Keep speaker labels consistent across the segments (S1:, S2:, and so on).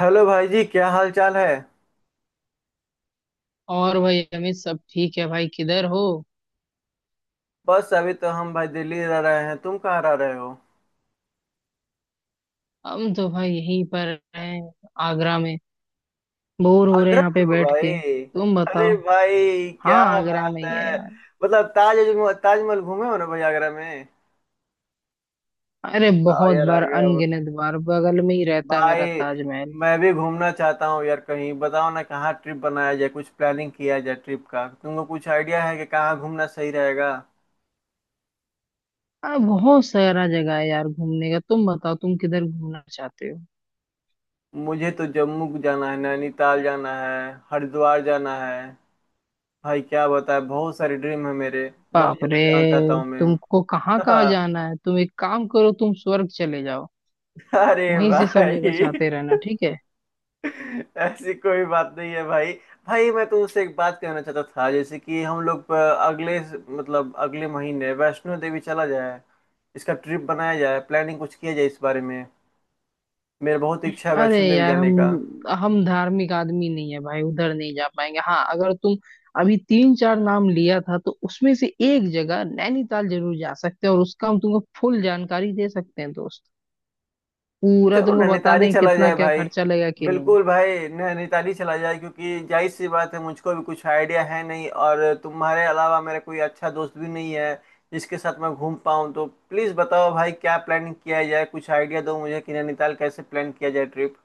S1: Hello भाई जी क्या हाल चाल है।
S2: और भाई अमित सब ठीक है भाई किधर हो।
S1: बस अभी तो हम भाई दिल्ली रह रहे हैं। तुम कहाँ रह रहे हो।
S2: हम तो भाई यहीं पर हैं आगरा में। बोर हो रहे हैं
S1: आगरा
S2: यहाँ
S1: में
S2: पे
S1: हो
S2: बैठ
S1: भाई।
S2: के, तुम बताओ।
S1: अरे भाई
S2: हाँ,
S1: क्या
S2: आगरा में
S1: बात
S2: ही है
S1: है।
S2: यार।
S1: मतलब ताजमहल घूमे हो ना भाई आगरा में।
S2: अरे
S1: आओ
S2: बहुत
S1: यार
S2: बार
S1: आगरा
S2: अनगिनत बार बगल में ही रहता है
S1: भाई,
S2: मेरा ताजमहल।
S1: मैं भी घूमना चाहता हूँ यार। कहीं बताओ ना कहाँ ट्रिप बनाया जाए, कुछ प्लानिंग किया जाए ट्रिप का। तुमको कुछ आइडिया है कि कहाँ घूमना सही रहेगा।
S2: अरे बहुत सारा जगह है यार घूमने का, तुम बताओ तुम किधर घूमना चाहते हो।
S1: मुझे तो जम्मू जाना है, नैनीताल जाना है, हरिद्वार जाना है। भाई क्या बताए, बहुत सारे ड्रीम है मेरे। बहुत
S2: बाप
S1: जगह
S2: रे,
S1: जाना चाहता हूँ मैं।
S2: तुमको कहाँ कहाँ
S1: हाँ,
S2: जाना है। तुम एक काम करो, तुम स्वर्ग चले जाओ।
S1: अरे
S2: वहीं से सब जगह
S1: भाई
S2: चाहते रहना, ठीक है।
S1: ऐसी कोई बात नहीं है भाई। भाई मैं तो उससे एक बात कहना चाहता था, जैसे कि हम लोग अगले मतलब अगले महीने वैष्णो देवी चला जाए। इसका ट्रिप बनाया जाए, प्लानिंग कुछ किया जाए इस बारे में। मेरा बहुत इच्छा है
S2: अरे
S1: वैष्णो देवी
S2: यार,
S1: जाने
S2: हम
S1: का।
S2: हम धार्मिक आदमी नहीं है भाई, उधर नहीं जा पाएंगे। हाँ अगर तुम अभी तीन चार नाम लिया था तो उसमें से एक जगह नैनीताल जरूर जा सकते हैं, और उसका हम तुमको फुल जानकारी दे सकते हैं दोस्त। पूरा
S1: चलो
S2: तुमको बता
S1: नैनीताल ही
S2: दें
S1: चला
S2: कितना
S1: जाए
S2: क्या
S1: भाई।
S2: खर्चा लगेगा कि नहीं।
S1: बिल्कुल भाई नैनीताल ही चला जाए, क्योंकि जाहिर सी बात है, मुझको भी कुछ आइडिया है नहीं और तुम्हारे अलावा मेरा कोई अच्छा दोस्त भी नहीं है जिसके साथ मैं घूम पाऊँ। तो प्लीज़ बताओ भाई क्या प्लानिंग किया जाए, कुछ आइडिया दो मुझे कि नैनीताल कैसे प्लान किया जाए ट्रिप।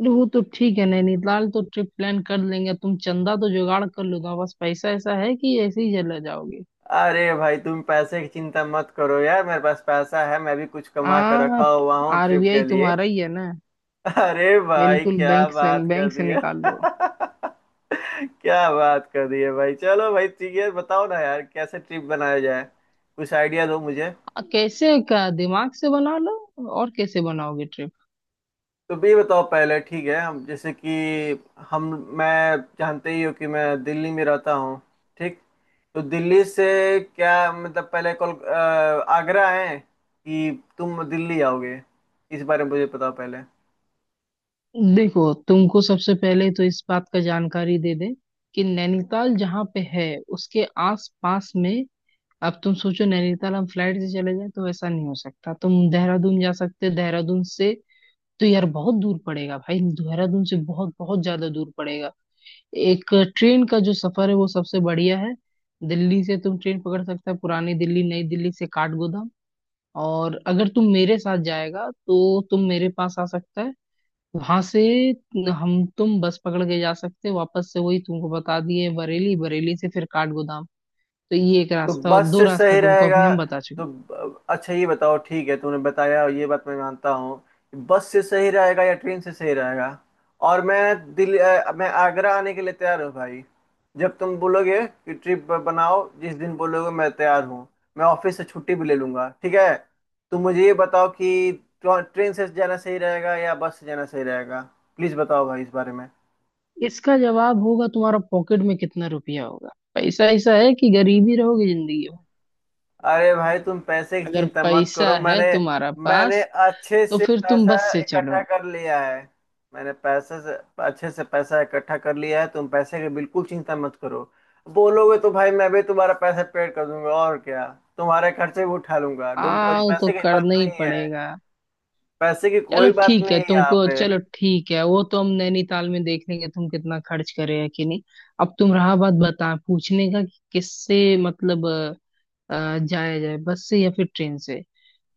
S2: अरे वो तो ठीक है, नैनीताल तो ट्रिप प्लान कर लेंगे। तुम चंदा तो जुगाड़ कर लो ना, बस। पैसा ऐसा है कि ऐसे ही चला जाओगे?
S1: अरे भाई तुम पैसे की चिंता मत करो यार, मेरे पास पैसा है, मैं भी कुछ कमा कर
S2: हाँ,
S1: रखा हुआ हूँ ट्रिप
S2: आरबीआई
S1: के लिए।
S2: तुम्हारा ही है ना।
S1: अरे भाई
S2: बिल्कुल,
S1: क्या
S2: बैंक से
S1: बात कर
S2: बैंक से
S1: दी है।
S2: निकाल लो।
S1: क्या बात कर दी है भाई। चलो भाई ठीक है, बताओ ना यार कैसे ट्रिप बनाया जाए, कुछ आइडिया दो मुझे।
S2: कैसे क्या? दिमाग से बना लो, और कैसे बनाओगे ट्रिप।
S1: तो भी बताओ पहले ठीक है। हम जैसे कि हम मैं, जानते ही हो कि मैं दिल्ली में रहता हूँ ठीक। तो दिल्ली से क्या मतलब, पहले आगरा है कि तुम दिल्ली आओगे, इस बारे में मुझे बताओ पहले।
S2: देखो तुमको सबसे पहले तो इस बात का जानकारी दे दे कि नैनीताल जहाँ पे है उसके आस पास में। अब तुम सोचो नैनीताल हम फ्लाइट से चले जाए तो वैसा नहीं हो सकता। तुम देहरादून जा सकते, देहरादून से तो यार बहुत दूर पड़ेगा भाई। देहरादून से बहुत बहुत ज्यादा दूर पड़ेगा। एक ट्रेन का जो सफर है वो सबसे बढ़िया है। दिल्ली से तुम ट्रेन पकड़ सकते हो, पुरानी दिल्ली नई दिल्ली से काठगोदाम। और अगर तुम मेरे साथ जाएगा तो तुम मेरे पास आ सकता है। वहां से हम तुम बस पकड़ के जा सकते हैं, वापस से वही तुमको बता दिए, बरेली, बरेली से फिर काठगोदाम। तो ये एक
S1: तो
S2: रास्ता और
S1: बस
S2: दो
S1: से
S2: रास्ता
S1: सही
S2: तुमको
S1: रहेगा,
S2: अभी हम बता चुके
S1: तो अच्छा ये बताओ, ठीक है तूने बताया और ये बात मैं मानता हूँ। बस से सही रहेगा या ट्रेन से सही रहेगा। और मैं आगरा आने के लिए तैयार हूँ भाई। जब तुम बोलोगे कि ट्रिप बनाओ, जिस दिन बोलोगे मैं तैयार हूँ। मैं ऑफिस से छुट्टी भी ले लूंगा ठीक है। तुम मुझे ये बताओ कि ट्रेन से जाना सही रहेगा या बस से जाना सही रहेगा। प्लीज बताओ भाई इस बारे में।
S2: हैं। इसका जवाब होगा तुम्हारा पॉकेट में कितना रुपया होगा। पैसा ऐसा है कि गरीबी रहोगे जिंदगी में।
S1: अरे भाई तुम पैसे की
S2: अगर
S1: चिंता मत
S2: पैसा
S1: करो।
S2: है
S1: मैंने
S2: तुम्हारा
S1: मैंने
S2: पास
S1: अच्छे
S2: तो
S1: से
S2: फिर तुम
S1: पैसा
S2: बस से
S1: इकट्ठा
S2: चलो।
S1: कर लिया है। मैंने पैसे से अच्छे से पैसा इकट्ठा कर लिया है, तुम पैसे की बिल्कुल चिंता मत करो। बोलोगे तो भाई मैं भी तुम्हारा पैसा पेड कर दूंगा और क्या, तुम्हारे खर्चे भी उठा लूंगा। डोंट वरी,
S2: आओ तो
S1: पैसे की बात
S2: करना ही
S1: नहीं है,
S2: पड़ेगा।
S1: पैसे की
S2: चलो
S1: कोई बात
S2: ठीक
S1: नहीं
S2: है,
S1: है यहाँ
S2: तुमको
S1: पे।
S2: चलो ठीक है, वो तो हम नैनीताल में देख लेंगे तुम कितना खर्च कर रहे हो कि नहीं। अब तुम रहा बात बता पूछने का कि किससे मतलब जाया जाए बस से या फिर ट्रेन से।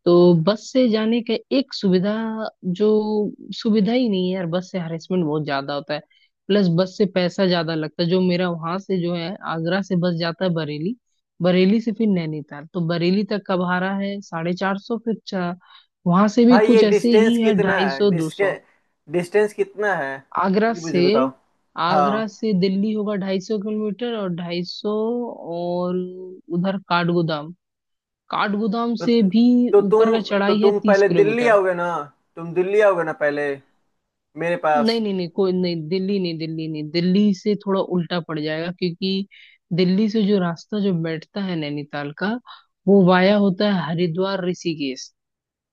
S2: तो बस से जाने का एक सुविधा, जो सुविधा ही नहीं है यार। बस से हरेसमेंट बहुत ज्यादा होता है, प्लस बस से पैसा ज्यादा लगता है। जो मेरा वहां से जो है आगरा से बस जाता है बरेली, बरेली से फिर नैनीताल। तो बरेली तक का भाड़ा है 450, फिर वहां से भी
S1: भाई ये
S2: कुछ ऐसे
S1: डिस्टेंस
S2: ही है,
S1: कितना
S2: ढाई
S1: है,
S2: सौ दो
S1: डिस्के
S2: सौ
S1: डिस्टेंस कितना है
S2: आगरा
S1: ये मुझे
S2: से,
S1: बताओ। हाँ,
S2: आगरा से दिल्ली होगा 250 किलोमीटर, और 250 और उधर काठगोदाम, काठगोदाम
S1: तो
S2: से भी
S1: तो
S2: ऊपर का
S1: तुम तो
S2: चढ़ाई है
S1: तुम
S2: तीस
S1: पहले दिल्ली
S2: किलोमीटर
S1: आओगे ना, तुम दिल्ली आओगे ना पहले मेरे
S2: नहीं
S1: पास।
S2: नहीं नहीं, कोई नहीं, दिल्ली नहीं, दिल्ली नहीं, दिल्ली से थोड़ा उल्टा पड़ जाएगा क्योंकि दिल्ली से जो रास्ता जो बैठता है नैनीताल का, वो वाया होता है हरिद्वार ऋषिकेश।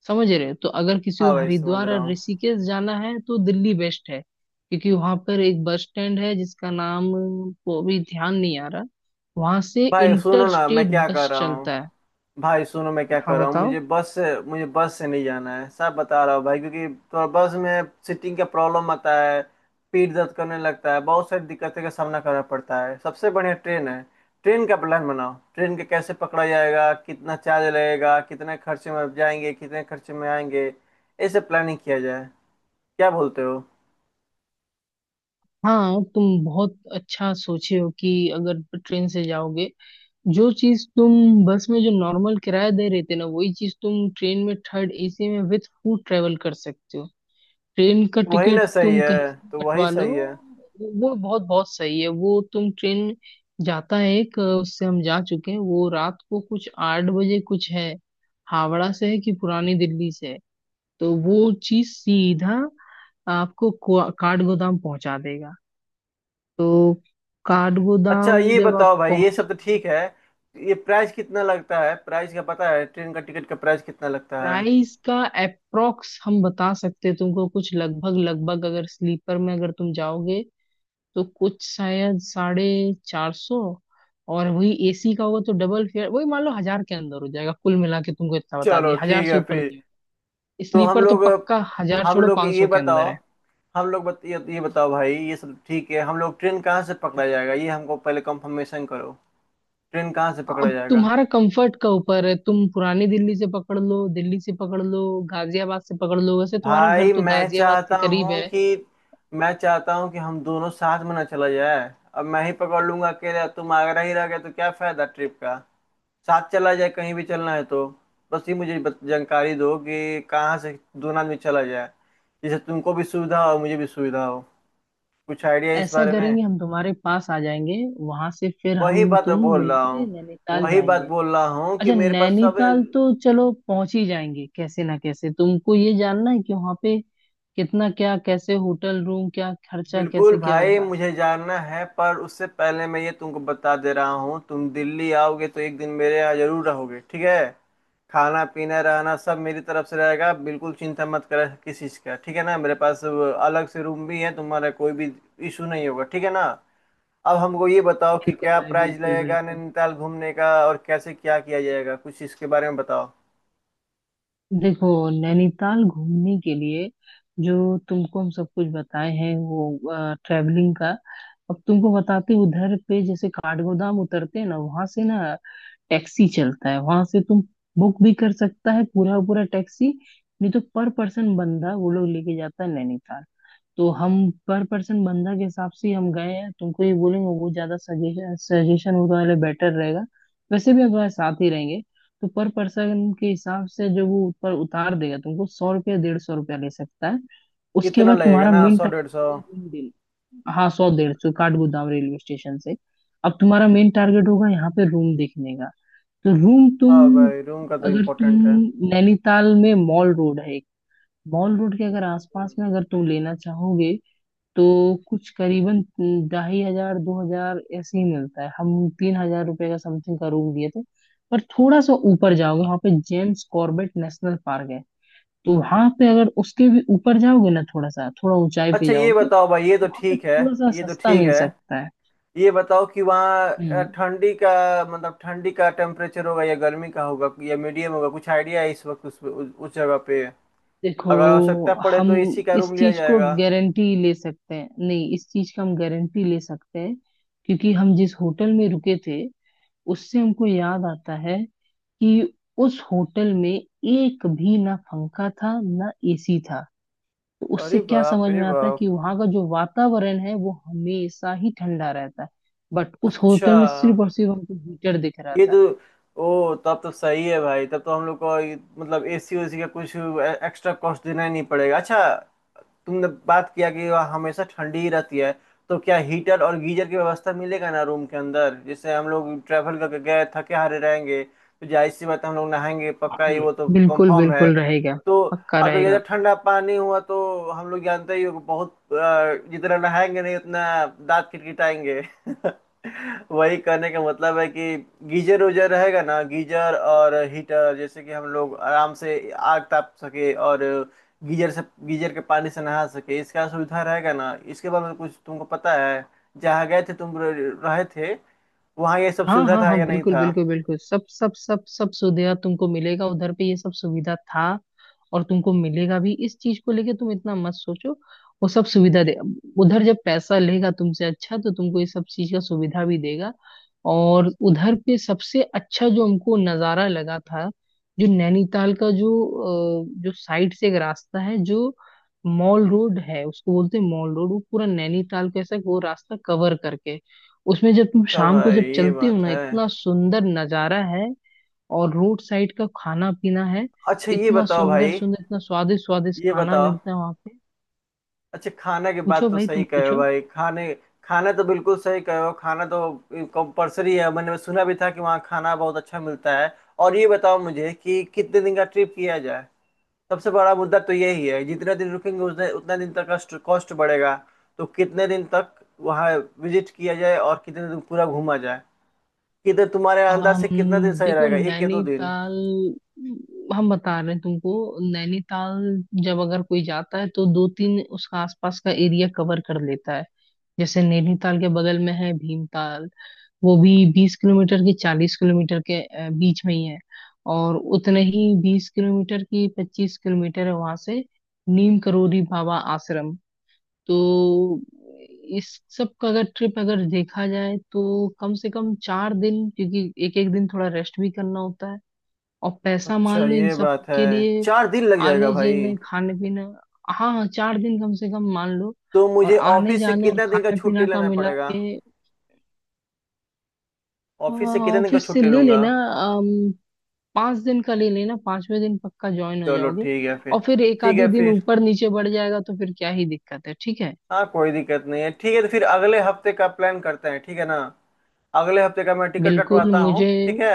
S2: समझ रहे हो? तो अगर किसी को
S1: हाँ भाई समझ
S2: हरिद्वार
S1: रहा
S2: और
S1: हूँ।
S2: ऋषिकेश जाना है तो दिल्ली बेस्ट है, क्योंकि वहां पर एक बस स्टैंड है जिसका नाम को अभी ध्यान नहीं आ रहा। वहां से
S1: भाई सुनो
S2: इंटर
S1: ना मैं
S2: स्टेट
S1: क्या कर
S2: बस
S1: रहा हूँ।
S2: चलता है।
S1: भाई सुनो मैं क्या
S2: हाँ
S1: कर रहा हूँ,
S2: बताओ।
S1: मुझे बस से, मुझे बस से नहीं जाना है, सब बता रहा हूँ भाई। क्योंकि थोड़ा बस में सीटिंग का प्रॉब्लम आता है, पीठ दर्द करने लगता है, बहुत सारी दिक्कतें का सामना करना पड़ता है। सबसे बढ़िया ट्रेन है। ट्रेन का प्लान बनाओ, ट्रेन के कैसे पकड़ा जाएगा, कितना चार्ज लगेगा, कितने खर्चे में जाएंगे, कितने खर्चे में आएंगे। ऐसे प्लानिंग किया जाए, क्या बोलते हो।
S2: हाँ तुम बहुत अच्छा सोचे हो कि अगर ट्रेन से जाओगे, जो चीज तुम बस में जो नॉर्मल किराया दे रहे थे ना, वही चीज तुम ट्रेन में थर्ड एसी में विथ फूड ट्रेवल कर सकते हो। ट्रेन का
S1: वही ना
S2: टिकट
S1: सही
S2: तुम कहीं
S1: है,
S2: से भी
S1: तो वही
S2: कटवा लो।
S1: सही है।
S2: वो बहुत बहुत सही है। वो तुम ट्रेन जाता है एक, उससे हम जा चुके हैं, वो रात को कुछ 8 बजे कुछ है। हावड़ा से है कि पुरानी दिल्ली से है। तो वो चीज सीधा आपको काठगोदाम पहुंचा देगा। तो
S1: अच्छा
S2: काठगोदाम
S1: ये
S2: जब आप
S1: बताओ भाई, ये सब तो
S2: पहुंचोगे,
S1: ठीक है, ये प्राइस कितना लगता है, प्राइस का पता है, ट्रेन का टिकट का प्राइस कितना लगता है।
S2: प्राइस का अप्रोक्स हम बता सकते हैं तुमको। कुछ लगभग लगभग अगर स्लीपर में अगर तुम जाओगे तो कुछ शायद 450। और वही एसी का होगा तो डबल फेयर, वही मान लो 1000 के अंदर हो जाएगा। कुल मिला के तुमको इतना बता
S1: चलो
S2: दिया,
S1: ठीक
S2: 1000 से
S1: है
S2: ऊपर नहीं
S1: फिर।
S2: होगा।
S1: तो हम
S2: स्लीपर तो
S1: लोग,
S2: पक्का 1000
S1: हम
S2: छोड़ो,
S1: लोग
S2: पाँच
S1: ये
S2: सौ के
S1: बताओ,
S2: अंदर है।
S1: हम लोग बत, ये बताओ भाई, ये सब ठीक है, हम लोग ट्रेन कहाँ से पकड़ा जाएगा ये हमको पहले कंफर्मेशन करो। ट्रेन कहाँ से पकड़ा
S2: अब
S1: जाएगा।
S2: तुम्हारा कंफर्ट का ऊपर है, तुम पुरानी दिल्ली से पकड़ लो, दिल्ली से पकड़ लो, गाजियाबाद से पकड़ लो। वैसे तुम्हारा घर
S1: भाई
S2: तो
S1: मैं
S2: गाजियाबाद के
S1: चाहता
S2: करीब
S1: हूँ
S2: है।
S1: कि मैं चाहता हूँ कि हम दोनों साथ में ना चला जाए। अब मैं ही पकड़ लूंगा अकेले, तुम आगरा ही रह गए तो क्या फायदा ट्रिप का। साथ चला जाए, कहीं भी चलना है तो। बस ये मुझे जानकारी दो कि कहाँ से दोनों आदमी चला जाए, जिससे तुमको भी सुविधा हो मुझे भी सुविधा हो। कुछ आइडिया है इस
S2: ऐसा
S1: बारे में।
S2: करेंगे हम तुम्हारे पास आ जाएंगे, वहां से फिर
S1: वही
S2: हम
S1: बात
S2: तुम
S1: मैं बोल रहा
S2: मिलके
S1: हूँ,
S2: नैनीताल
S1: वही बात
S2: जाएंगे।
S1: बोल रहा हूँ कि
S2: अच्छा
S1: मेरे पास सब।
S2: नैनीताल तो चलो पहुंच ही जाएंगे कैसे ना कैसे। तुमको ये जानना है कि वहां पे कितना क्या कैसे होटल रूम क्या खर्चा
S1: बिल्कुल
S2: कैसे क्या
S1: भाई
S2: होगा।
S1: मुझे जानना है, पर उससे पहले मैं ये तुमको बता दे रहा हूँ, तुम दिल्ली आओगे तो एक दिन मेरे यहाँ जरूर रहोगे ठीक है। खाना पीना रहना सब मेरी तरफ से रहेगा, बिल्कुल चिंता मत करो किस चीज़ का, ठीक है ना। मेरे पास अलग से रूम भी है, तुम्हारा कोई भी इशू नहीं होगा ठीक है ना। अब हमको ये बताओ कि
S2: बिल्कुल
S1: क्या
S2: भाई,
S1: प्राइस
S2: बिल्कुल
S1: लगेगा
S2: बिल्कुल।
S1: नैनीताल घूमने का और कैसे क्या किया जाएगा, कुछ इसके बारे में बताओ।
S2: देखो नैनीताल घूमने के लिए, जो तुमको हम सब कुछ बताए हैं वो ट्रैवलिंग का। अब तुमको बताते उधर पे, जैसे काठगोदाम उतरते हैं ना वहां से ना टैक्सी चलता है। वहां से तुम बुक भी कर सकता है पूरा पूरा टैक्सी, नहीं तो पर पर्सन बंदा वो लोग लेके जाता है नैनीताल। तो हम पर पर्सन बंदा के हिसाब से ही हम गए हैं। तुमको ये बोलेंगे वो ज्यादा सजेशन, सजेशन वो वाले बेटर रहेगा। वैसे भी अगर साथ ही रहेंगे तो पर पर्सन के हिसाब से जो वो ऊपर उतार देगा, तुमको 100 रुपया 150 रुपया ले सकता है। उसके
S1: इतना
S2: बाद तुम्हारा
S1: लगेगा ना,
S2: मेन
S1: सौ डेढ़ सौ।
S2: टारगेट होगा रूम डील। हाँ, 100 150 काठगोदाम रेलवे स्टेशन से। अब तुम्हारा मेन टारगेट होगा यहाँ पे रूम देखने का। तो रूम
S1: हाँ
S2: तुम,
S1: भाई रूम का तो
S2: अगर
S1: इम्पोर्टेंट है।
S2: तुम नैनीताल में मॉल रोड है एक, मॉल रोड के अगर
S1: अच्छा।
S2: आसपास में अगर तुम लेना चाहोगे तो कुछ करीबन 2500 2000 ऐसे ही मिलता है। हम 3000 रुपये का समथिंग का रूम दिए थे। पर थोड़ा सा ऊपर जाओगे वहाँ पे जेम्स कॉर्बेट नेशनल पार्क है। तो वहाँ पे अगर उसके भी ऊपर जाओगे ना, थोड़ा सा थोड़ा ऊंचाई पे
S1: अच्छा ये
S2: जाओगे
S1: बताओ भाई, ये तो
S2: तो वहाँ पे
S1: ठीक है,
S2: थोड़ा सा
S1: ये तो
S2: सस्ता
S1: ठीक
S2: मिल
S1: है।
S2: सकता है।
S1: ये बताओ कि वहाँ
S2: हम्म।
S1: ठंडी का मतलब ठंडी का टेम्परेचर होगा या गर्मी का होगा या मीडियम होगा, कुछ आइडिया है इस वक्त उस जगह पे।
S2: देखो,
S1: अगर आवश्यकता पड़े
S2: हम
S1: तो एसी का
S2: इस
S1: रूम लिया
S2: चीज को
S1: जाएगा।
S2: गारंटी ले सकते हैं नहीं, इस चीज का हम गारंटी ले सकते हैं क्योंकि हम जिस होटल में रुके थे, उससे हमको याद आता है कि उस होटल में एक भी ना पंखा था ना एसी था। तो उससे
S1: अरे
S2: क्या
S1: बाप
S2: समझ
S1: रे
S2: में आता है
S1: बाप।
S2: कि वहां का जो वातावरण है वो हमेशा ही ठंडा रहता है। बट उस
S1: अच्छा
S2: होटल में सिर्फ और सिर्फ हमको हीटर दिख रहा
S1: ये तो,
S2: था।
S1: ओ तब तो सही है भाई, तब तो हम लोग को मतलब एसी ओसी का कुछ एक्स्ट्रा कॉस्ट देना ही नहीं पड़ेगा। अच्छा, तुमने बात किया कि वहाँ हमेशा ठंडी ही रहती है, तो क्या हीटर और गीजर की व्यवस्था मिलेगा ना रूम के अंदर। जैसे हम लोग ट्रैवल करके गए, थके हारे रहेंगे तो जाहिर सी बात है, हम लोग नहाएंगे पक्का, ये
S2: हम्म।
S1: वो तो
S2: बिल्कुल
S1: कंफर्म है
S2: बिल्कुल रहेगा,
S1: तो।
S2: पक्का
S1: अगर ज़्यादा
S2: रहेगा।
S1: ठंडा पानी हुआ तो हम लोग जानते ही हो कि जितना नहाएंगे नहीं उतना दांत किटकिटाएंगे। वही करने का मतलब है कि गीजर उजर रहेगा ना, गीजर और हीटर, जैसे कि हम लोग आराम से आग ताप सके और गीजर से, गीजर के पानी से नहा सके, इसका सुविधा रहेगा ना। इसके बारे में कुछ तुमको पता है, जहाँ गए थे तुम, रहे थे, वहाँ ये सब
S2: हाँ
S1: सुविधा
S2: हाँ
S1: था
S2: हाँ,
S1: या नहीं
S2: बिल्कुल
S1: था।
S2: बिल्कुल बिल्कुल, सब सब सब सब सुविधा तुमको मिलेगा उधर पे। ये सब सुविधा था, और तुमको मिलेगा भी। इस चीज को लेके तुम इतना मत सोचो। वो सब सुविधा दे, उधर जब पैसा लेगा तुमसे अच्छा तो तुमको ये सब चीज का सुविधा भी देगा। और उधर पे सबसे अच्छा जो हमको नजारा लगा था, जो नैनीताल का जो जो साइड से एक रास्ता है, जो मॉल रोड है, उसको बोलते हैं मॉल रोड, वो पूरा नैनीताल को ऐसा वो रास्ता कवर करके, उसमें जब तुम
S1: अच्छा
S2: शाम को
S1: भाई
S2: जब
S1: ये
S2: चलते हो
S1: बात
S2: ना,
S1: है।
S2: इतना सुंदर नजारा है। और रोड साइड का खाना पीना है,
S1: अच्छा ये
S2: इतना
S1: बताओ
S2: सुंदर
S1: भाई,
S2: सुंदर इतना स्वादिष्ट स्वादिष्ट
S1: ये
S2: खाना
S1: बताओ।
S2: मिलता है वहां पे।
S1: अच्छा खाना की बात
S2: पूछो
S1: तो
S2: भाई
S1: सही
S2: तुम
S1: कहे हो
S2: पूछो।
S1: भाई, खाने खाना तो बिल्कुल सही कहे हो, खाना तो कंपलसरी है। मैंने सुना भी था कि वहाँ खाना बहुत अच्छा मिलता है। और ये बताओ मुझे कि कितने दिन का ट्रिप किया जाए, सबसे बड़ा मुद्दा तो यही है। जितना दिन रुकेंगे उतने उतना दिन तक कॉस्ट कॉस्ट बढ़ेगा। तो कितने दिन तक वहाँ विजिट किया जाए और कितने दिन पूरा घूमा जाए, कितने तुम्हारे अंदाज
S2: आम,
S1: से कितना दिन सही
S2: देखो
S1: रहेगा, एक या दो दिन।
S2: नैनीताल, हम बता रहे हैं तुमको, नैनीताल जब अगर कोई जाता है तो दो तीन उसका आसपास का एरिया कवर कर लेता है। जैसे नैनीताल के बगल में है भीमताल। वो भी 20 किलोमीटर की 40 किलोमीटर के बीच में ही है। और उतने ही 20 किलोमीटर की 25 किलोमीटर है वहां से नीम करोली बाबा आश्रम। तो इस सब का अगर ट्रिप अगर देखा जाए तो कम से कम 4 दिन, क्योंकि एक एक दिन थोड़ा रेस्ट भी करना होता है। और पैसा मान
S1: अच्छा
S2: लो इन
S1: ये
S2: सब
S1: बात है,
S2: के लिए,
S1: चार दिन लग जाएगा
S2: आने
S1: भाई।
S2: जाने खाने पीने। हाँ हाँ, 4 दिन कम से कम मान लो।
S1: तो
S2: और
S1: मुझे
S2: आने
S1: ऑफिस से
S2: जाने और
S1: कितने दिन का
S2: खाने
S1: छुट्टी
S2: पीना का
S1: लेना
S2: मिला
S1: पड़ेगा,
S2: के,
S1: ऑफिस
S2: हाँ
S1: से कितने दिन का
S2: ऑफिस से
S1: छुट्टी
S2: ले
S1: लूंगा।
S2: लेना। अम, 5 दिन का ले लेना, 5वें दिन पक्का ज्वाइन हो
S1: चलो
S2: जाओगे।
S1: ठीक है फिर।
S2: और फिर एक
S1: ठीक
S2: आधे
S1: है
S2: दिन
S1: फिर।
S2: ऊपर नीचे बढ़ जाएगा तो फिर क्या ही दिक्कत है, ठीक है।
S1: हाँ कोई दिक्कत नहीं है, ठीक है तो फिर अगले हफ्ते का प्लान करते हैं ठीक है ना। अगले हफ्ते का मैं टिकट
S2: बिल्कुल
S1: कटवाता हूँ
S2: मुझे,
S1: ठीक है।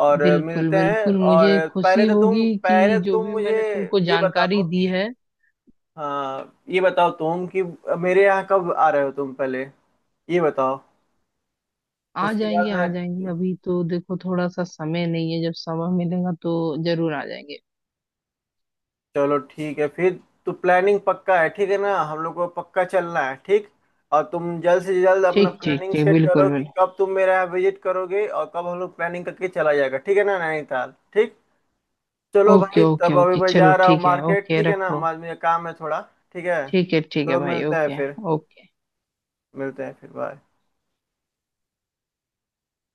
S1: और
S2: बिल्कुल
S1: मिलते हैं
S2: बिल्कुल मुझे
S1: और
S2: खुशी
S1: पहले तो
S2: होगी कि जो
S1: तुम
S2: भी
S1: मुझे
S2: मैंने तुमको
S1: ये बताओ
S2: जानकारी दी
S1: कि,
S2: है।
S1: हाँ ये बताओ तुम कि मेरे यहाँ कब आ रहे हो तुम पहले, ये बताओ।
S2: आ
S1: उसके
S2: जाएंगे
S1: बाद मैं,
S2: आ जाएंगे, अभी तो देखो थोड़ा सा समय नहीं है, जब समय मिलेगा तो जरूर आ जाएंगे।
S1: चलो ठीक है फिर। तो प्लानिंग पक्का है ठीक है ना, हम लोग को पक्का चलना है ठीक। और तुम जल्द से जल्द अपना
S2: ठीक ठीक
S1: प्लानिंग
S2: ठीक,
S1: सेट करो
S2: बिल्कुल
S1: कि
S2: बिल्कुल।
S1: कब तुम मेरे यहाँ विजिट करोगे और कब हम लोग प्लानिंग करके चला जाएगा, ठीक है ना नैनीताल ठीक। चलो
S2: ओके
S1: भाई
S2: ओके
S1: तब अभी
S2: ओके,
S1: मैं
S2: चलो
S1: जा रहा हूँ
S2: ठीक है,
S1: मार्केट,
S2: ओके
S1: ठीक है ना,
S2: रखो।
S1: मुझे काम है थोड़ा। ठीक है
S2: ठीक है
S1: चलो,
S2: भाई,
S1: मिलते हैं
S2: ओके।
S1: फिर।
S2: ओके।
S1: मिलते हैं फिर, बाय।